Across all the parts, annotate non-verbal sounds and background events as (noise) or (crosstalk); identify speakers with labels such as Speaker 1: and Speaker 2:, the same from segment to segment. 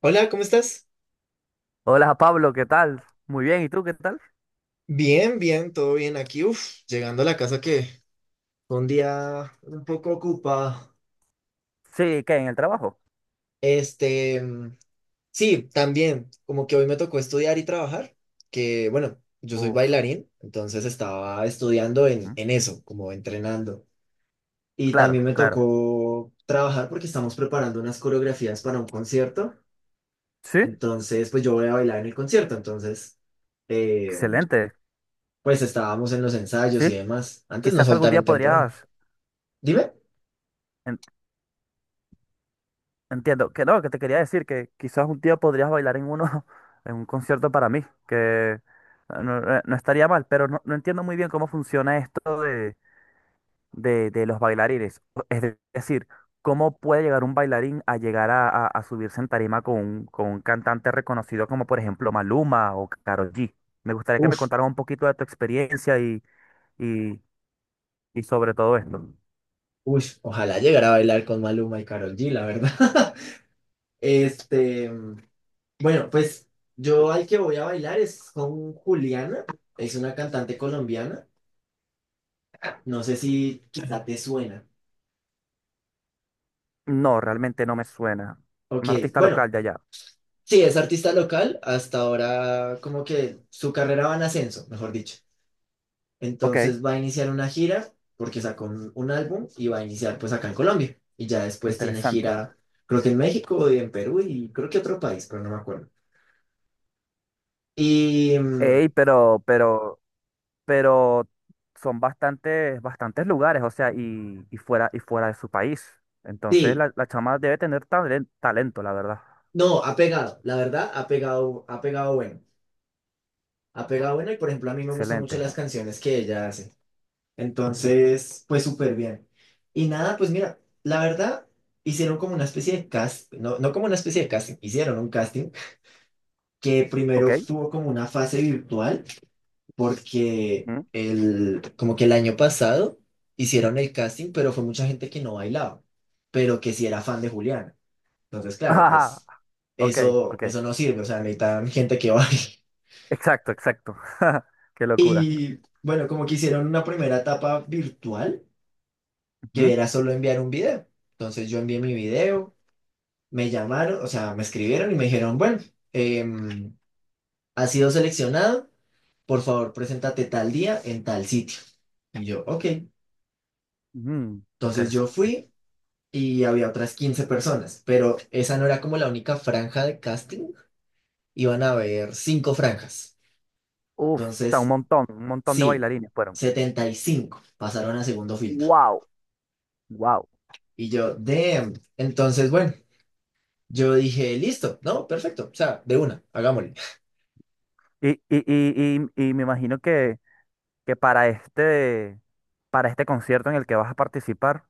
Speaker 1: Hola, ¿cómo estás?
Speaker 2: Hola Pablo, ¿qué tal? Muy bien, ¿y tú qué tal?
Speaker 1: Bien, bien, todo bien aquí. Uf, llegando a la casa que fue un día un poco ocupado.
Speaker 2: Sí, ¿qué? ¿En el trabajo?
Speaker 1: Este, mm, sí, también, como que hoy me tocó estudiar y trabajar, que bueno, yo soy
Speaker 2: Uf,
Speaker 1: bailarín, entonces estaba estudiando en,
Speaker 2: mm,
Speaker 1: en eso, como entrenando. Y también
Speaker 2: claro,
Speaker 1: me
Speaker 2: claro.
Speaker 1: tocó trabajar porque estamos preparando unas coreografías para un concierto.
Speaker 2: Sí,
Speaker 1: Entonces, pues yo voy a bailar en el concierto, entonces, eh,
Speaker 2: excelente.
Speaker 1: pues estábamos en los ensayos
Speaker 2: Sí,
Speaker 1: y demás. Antes nos
Speaker 2: quizás algún día
Speaker 1: soltaron temprano.
Speaker 2: podrías,
Speaker 1: Dime.
Speaker 2: en- entiendo, que no, que te quería decir que quizás un día podrías bailar en uno, (laughs) en un concierto para mí, que no, no estaría mal, pero no, no entiendo muy bien cómo funciona esto de los bailarines. Es decir, ¿cómo puede llegar un bailarín a llegar a subirse en tarima con un cantante reconocido como por ejemplo Maluma o Karol G? Me gustaría que me
Speaker 1: Uf,
Speaker 2: contaras un poquito de tu experiencia y, y sobre todo esto.
Speaker 1: uy, ojalá llegara a bailar con Maluma y Karol G, la verdad. (laughs) Este, bueno, pues yo al que voy a bailar es con Juliana, es una cantante colombiana. No sé si quizá te suena.
Speaker 2: No, realmente no me suena.
Speaker 1: Ok,
Speaker 2: Un artista
Speaker 1: bueno,
Speaker 2: local de allá.
Speaker 1: sí, es artista local, hasta ahora como que su carrera va en ascenso, mejor dicho.
Speaker 2: Ok,
Speaker 1: Entonces va a iniciar una gira porque sacó un álbum y va a iniciar pues acá en Colombia. Y ya después tiene
Speaker 2: interesante.
Speaker 1: gira, creo que en México y en Perú y creo que otro país, pero no me acuerdo. Y mm,
Speaker 2: Ey, pero son bastantes, bastantes lugares, o sea, y fuera de su país. Entonces
Speaker 1: sí,
Speaker 2: la chama debe tener talento, la verdad.
Speaker 1: no, ha pegado, la verdad, ha pegado bueno y por ejemplo a mí me gustan mucho
Speaker 2: Excelente.
Speaker 1: las canciones que ella hace, entonces pues súper bien. Y nada, pues mira, la verdad hicieron como una especie de cast, no, no como una especie de casting, hicieron un casting que
Speaker 2: Ok.
Speaker 1: primero tuvo como una fase virtual porque
Speaker 2: Ujú.
Speaker 1: como que el año pasado hicieron el casting, pero fue mucha gente que no bailaba, pero que sí era fan de Julián. Entonces,
Speaker 2: (laughs)
Speaker 1: claro,
Speaker 2: Ajá,
Speaker 1: pues
Speaker 2: ok,
Speaker 1: eso,
Speaker 2: ok.
Speaker 1: eso no sirve, o sea, necesitan gente que baile. (laughs)
Speaker 2: Exacto, exacto. (laughs) Qué locura.
Speaker 1: Y bueno, como que hicieron una primera etapa virtual, que
Speaker 2: Ujú.
Speaker 1: era solo enviar un video. Entonces yo envié mi video, me llamaron, o sea, me escribieron y me dijeron, bueno, em, has sido seleccionado, por favor, preséntate tal día en tal sitio. Y yo, ok.
Speaker 2: Mm,
Speaker 1: Entonces yo
Speaker 2: interesante.
Speaker 1: fui y había otras 15 personas, pero esa no era como la única franja de casting, iban a haber cinco franjas.
Speaker 2: Uf, o sea,
Speaker 1: Entonces
Speaker 2: un montón de
Speaker 1: sí,
Speaker 2: bailarines fueron.
Speaker 1: 75 pasaron a segundo filtro.
Speaker 2: Wow, wow.
Speaker 1: Y yo, damn. Entonces, bueno, yo dije, listo, no, perfecto. O sea, de una, hagámosle. (laughs)
Speaker 2: Y me imagino que para este concierto en el que vas a participar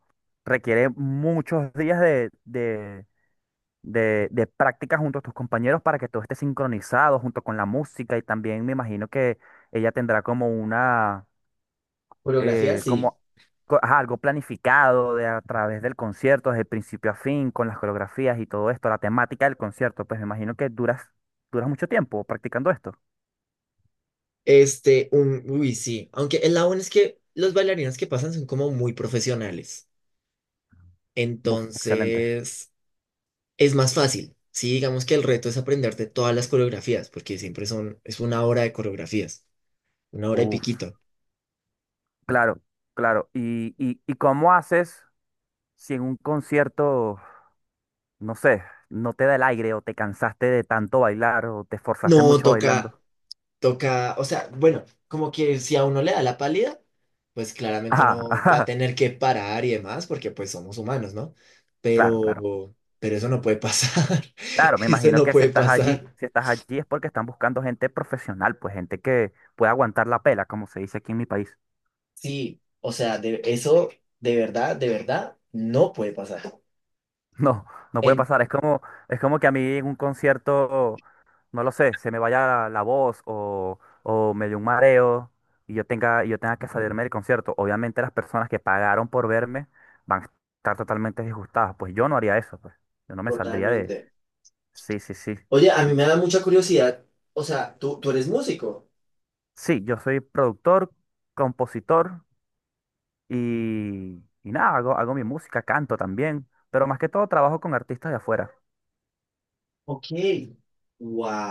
Speaker 2: requiere muchos días de práctica junto a tus compañeros para que todo esté sincronizado junto con la música, y también me imagino que ella tendrá como una,
Speaker 1: Coreografía, sí.
Speaker 2: como ajá, algo planificado de a través del concierto, desde principio a fin, con las coreografías y todo esto, la temática del concierto. Pues me imagino que duras mucho tiempo practicando esto.
Speaker 1: Este, uy, sí. Aunque el lado bueno es que los bailarines que pasan son como muy profesionales.
Speaker 2: Buf, excelente.
Speaker 1: Entonces, es más fácil. Sí, digamos que el reto es aprenderte todas las coreografías, porque siempre son, es una hora de coreografías, una hora y
Speaker 2: Uf,
Speaker 1: piquito.
Speaker 2: claro, claro. ¿Y cómo haces? Si en un concierto, no sé, no te da el aire o te cansaste de tanto bailar o te esforzaste
Speaker 1: No,
Speaker 2: mucho
Speaker 1: toca
Speaker 2: bailando. (laughs)
Speaker 1: Toca, o sea, bueno, como que si a uno le da la pálida, pues claramente
Speaker 2: Ah,
Speaker 1: uno va a
Speaker 2: ajá,
Speaker 1: tener que parar y demás, porque pues somos humanos, ¿no?
Speaker 2: claro, claro.
Speaker 1: Pero eso no puede pasar,
Speaker 2: Claro,
Speaker 1: (laughs)
Speaker 2: me
Speaker 1: eso
Speaker 2: imagino
Speaker 1: no
Speaker 2: que si
Speaker 1: puede
Speaker 2: estás allí,
Speaker 1: pasar.
Speaker 2: si estás allí es porque están buscando gente profesional, pues gente que pueda aguantar la pela, como se dice aquí en mi país. (laughs)
Speaker 1: Sí, o sea, eso de verdad, no puede pasar.
Speaker 2: No, no puede
Speaker 1: En,
Speaker 2: pasar. Es como que a mí en un concierto, no lo sé, se me vaya la voz o me dé un mareo y yo tenga que salirme del concierto. Obviamente las personas que pagaron por verme van a estar totalmente disgustadas. Pues yo no haría eso, pues. Yo no me saldría de...
Speaker 1: Totalmente.
Speaker 2: Sí, sí, sí.
Speaker 1: Oye, a mí
Speaker 2: Y
Speaker 1: me da mucha curiosidad, o sea, tú eres músico.
Speaker 2: sí, yo soy productor, compositor y nada, hago mi música, canto también, pero más que todo trabajo con artistas de afuera.
Speaker 1: Ok.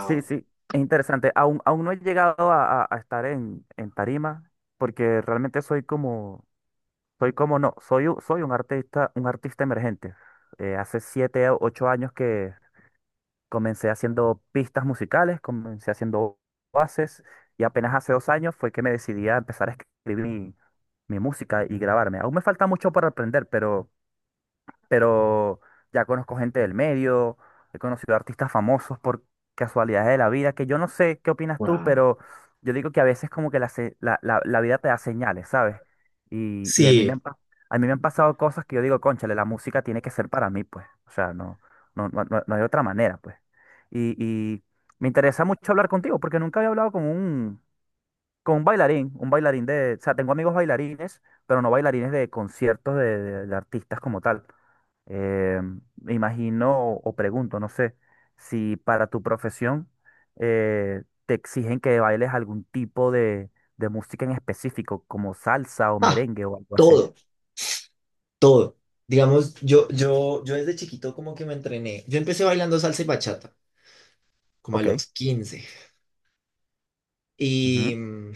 Speaker 2: Sí, sí, es interesante. Aún no he llegado a estar en tarima porque realmente soy como Soy como no, soy un artista, emergente. Hace 7 o 8 años que comencé haciendo pistas musicales, comencé haciendo bases, y apenas hace 2 años fue que me decidí a empezar a escribir mi música y grabarme. Aún me falta mucho para aprender, pero ya conozco gente del medio, he conocido artistas famosos por casualidades de la vida. Que yo no sé qué opinas tú,
Speaker 1: Wow.
Speaker 2: pero yo digo que a veces, como que la, se- la- la vida te da señales, ¿sabes? Y
Speaker 1: Sí.
Speaker 2: a mí me han pasado cosas que yo digo, cónchale, la música tiene que ser para mí, pues, o sea, no, no, no, no hay otra manera, pues. Y me interesa mucho hablar contigo, porque nunca había hablado con un, bailarín, un bailarín de, o sea, tengo amigos bailarines, pero no bailarines de conciertos de, de artistas como tal. Eh, Me imagino o pregunto, no sé, si para tu profesión te exigen que bailes algún tipo de música en específico, como salsa o
Speaker 1: Ah,
Speaker 2: merengue o algo así.
Speaker 1: todo. Todo. Digamos, yo desde chiquito como que me entrené. Yo empecé bailando salsa y bachata, como a
Speaker 2: Ok.
Speaker 1: los 15. Y,
Speaker 2: Ujú.
Speaker 1: mm,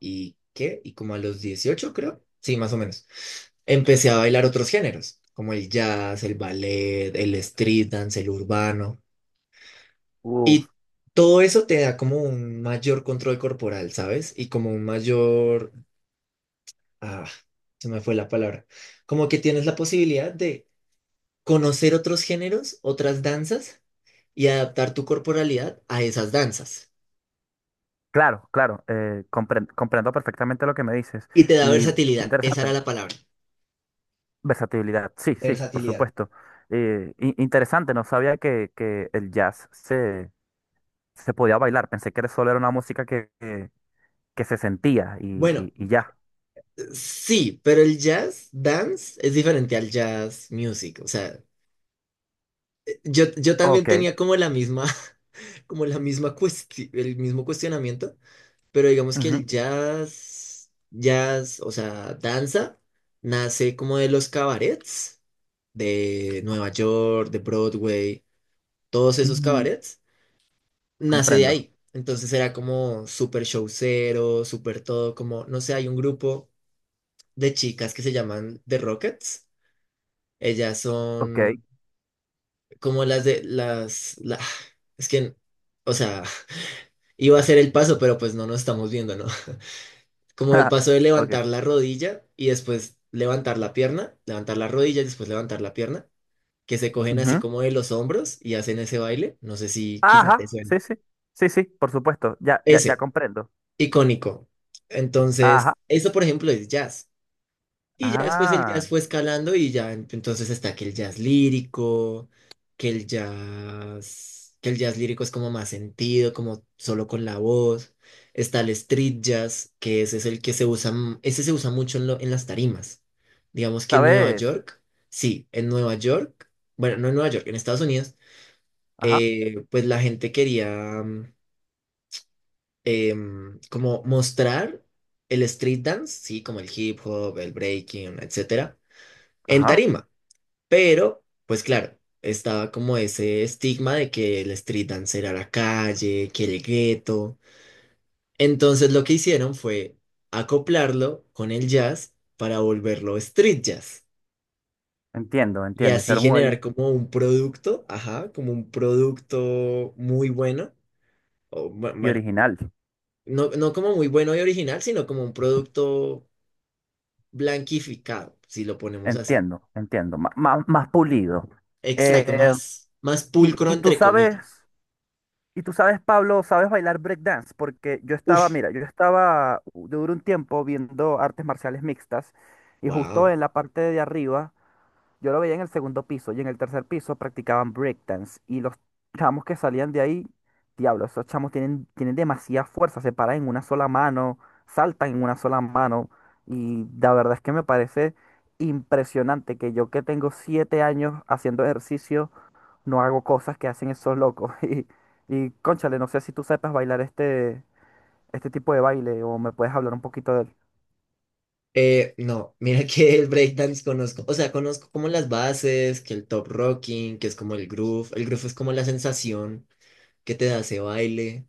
Speaker 1: ¿Y qué? Y como a los 18 creo. Sí, más o menos. Empecé a bailar otros géneros, como el jazz, el ballet, el street dance, el urbano.
Speaker 2: Uf,
Speaker 1: Y todo eso te da como un mayor control corporal, ¿sabes? Y como un mayor... Ah, se me fue la palabra. Como que tienes la posibilidad de conocer otros géneros, otras danzas y adaptar tu corporalidad a esas danzas.
Speaker 2: claro, claro, comprendo perfectamente lo que me dices.
Speaker 1: Y te da
Speaker 2: Y qué
Speaker 1: versatilidad, esa era
Speaker 2: interesante.
Speaker 1: la palabra,
Speaker 2: Versatilidad, sí, sí, por
Speaker 1: versatilidad.
Speaker 2: supuesto. Interesante, no sabía que el jazz se podía bailar. Pensé que solo era una música que se sentía y,
Speaker 1: Bueno,
Speaker 2: y, y ya.
Speaker 1: sí, pero el jazz dance es diferente al jazz music. O sea, yo también
Speaker 2: Ok,
Speaker 1: tenía como la misma, (laughs) como la misma cuestión, el mismo cuestionamiento, pero digamos que
Speaker 2: ujú,
Speaker 1: el jazz, jazz, o sea, danza, nace como de los cabarets de Nueva York, de Broadway, todos esos
Speaker 2: mm,
Speaker 1: cabarets nace de
Speaker 2: comprendo.
Speaker 1: ahí. Entonces era como súper showcero, súper todo, como, no sé, hay un grupo de chicas que se llaman The Rockets. Ellas
Speaker 2: Ok,
Speaker 1: son como las de las. (sighs) Es que, o sea, (laughs) iba a ser el paso, pero pues no nos estamos viendo, ¿no? (laughs) Como el
Speaker 2: (laughs)
Speaker 1: paso de
Speaker 2: ok.
Speaker 1: levantar la rodilla y después levantar la pierna, levantar la rodilla y después levantar la pierna, que se cogen así
Speaker 2: Ujú.
Speaker 1: como de los hombros y hacen ese baile. No sé si quizá te
Speaker 2: Ajá,
Speaker 1: suene.
Speaker 2: sí, sí, sí, sí, por supuesto, ya, ya, ya
Speaker 1: Ese.
Speaker 2: comprendo.
Speaker 1: Icónico.
Speaker 2: Ajá,
Speaker 1: Entonces, eso, por ejemplo, es jazz. Y ya después el
Speaker 2: ah,
Speaker 1: jazz fue escalando y ya entonces está que el jazz lírico, que el jazz lírico es como más sentido, como solo con la voz. Está el street jazz, que ese es el que se usa, ese se usa mucho en las tarimas. Digamos que en Nueva
Speaker 2: ¿sabes?
Speaker 1: York, sí, en Nueva York, bueno, no en Nueva York, en Estados Unidos,
Speaker 2: Ajá,
Speaker 1: pues la gente quería mm, como mostrar el street dance, sí, como el hip hop, el breaking, etcétera, en
Speaker 2: ajá,
Speaker 1: tarima. Pero, pues claro, estaba como ese estigma de que el street dance era la calle, que el gueto. Entonces lo que hicieron fue acoplarlo con el jazz para volverlo street jazz.
Speaker 2: entiendo,
Speaker 1: Y
Speaker 2: entiendo.
Speaker 1: así
Speaker 2: Hicieron un ahí
Speaker 1: generar como un producto, ajá, como un producto muy bueno, o
Speaker 2: y
Speaker 1: bueno,
Speaker 2: original.
Speaker 1: no, no como muy bueno y original, sino como un producto blanquificado, si lo ponemos así.
Speaker 2: Entiendo, entiendo, más pulido.
Speaker 1: Exacto,
Speaker 2: Eh,
Speaker 1: más
Speaker 2: Y,
Speaker 1: pulcro
Speaker 2: y tú
Speaker 1: entre comillas.
Speaker 2: sabes, y tú sabes, Pablo, sabes bailar breakdance, porque yo estaba,
Speaker 1: Uf,
Speaker 2: mira, yo duré un tiempo viendo artes marciales mixtas, y justo
Speaker 1: wow.
Speaker 2: en la parte de arriba, yo lo veía en el segundo piso, y en el tercer piso practicaban breakdance, y los chamos que salían de ahí, diablo, esos chamos tienen demasiada fuerza, se paran en una sola mano, saltan en una sola mano, y la verdad es que me parece impresionante que yo que tengo 7 años haciendo ejercicio no hago cosas que hacen esos locos. (laughs) Y cónchale, no sé si tú sepas bailar este, tipo de baile, o me puedes hablar un poquito de él.
Speaker 1: No, (laughs) mira que el breakdance conozco, o sea, conozco como las bases, que el top rocking, que es como el groove es como la sensación que te da ese baile.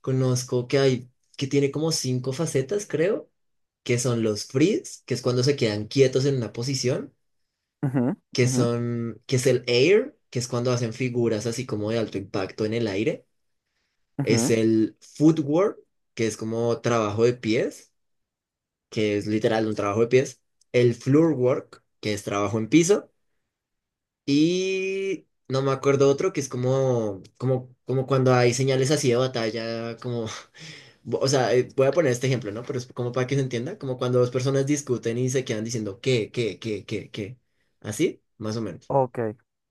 Speaker 1: Conozco que hay, que tiene como cinco facetas, creo, que son los freeze, que es cuando se quedan quietos en una posición,
Speaker 2: Ujú, ujú,
Speaker 1: que es el air, que es cuando hacen figuras así como de alto impacto en el aire, es
Speaker 2: ujú.
Speaker 1: el footwork, que es como trabajo de pies, que es literal un trabajo de pies, el floorwork, que es trabajo en piso, y no me acuerdo otro, que es como cuando hay señales así de batalla, como, o sea, voy a poner este ejemplo, ¿no? Pero es como para que se entienda, como cuando dos personas discuten y se quedan diciendo, ¿qué, qué, qué, qué, qué? Así, más o menos.
Speaker 2: Ok,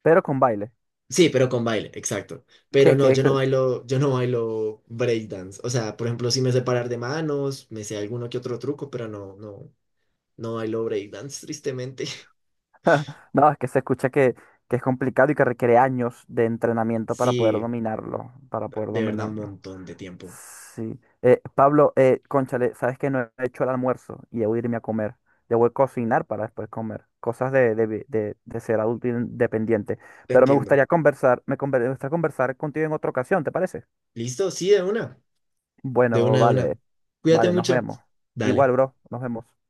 Speaker 2: pero con baile. (laughs)
Speaker 1: Sí, pero con baile, exacto. Pero
Speaker 2: Que,
Speaker 1: no,
Speaker 2: que, que-
Speaker 1: yo no bailo breakdance. O sea, por ejemplo, sí me sé parar de manos, me sé alguno que otro truco, pero no, no, no bailo breakdance, tristemente. (laughs)
Speaker 2: (laughs) No, es que se escucha que es complicado, y que requiere años de entrenamiento para poder
Speaker 1: Sí,
Speaker 2: dominarlo, para poder
Speaker 1: de verdad, un
Speaker 2: dominarlo.
Speaker 1: montón de tiempo.
Speaker 2: Sí. Pablo, cónchale, sabes que no he hecho el almuerzo y debo irme a comer. Debo de cocinar para después comer. Cosas de ser adulto independiente.
Speaker 1: Te
Speaker 2: Pero me
Speaker 1: entiendo.
Speaker 2: gustaría conversar contigo en otra ocasión, ¿te parece?
Speaker 1: ¿Listo? Sí, de una. De una,
Speaker 2: Bueno,
Speaker 1: de
Speaker 2: vale.
Speaker 1: una. Cuídate
Speaker 2: Vale, nos
Speaker 1: mucho.
Speaker 2: vemos.
Speaker 1: Dale.
Speaker 2: Igual, bro, nos vemos.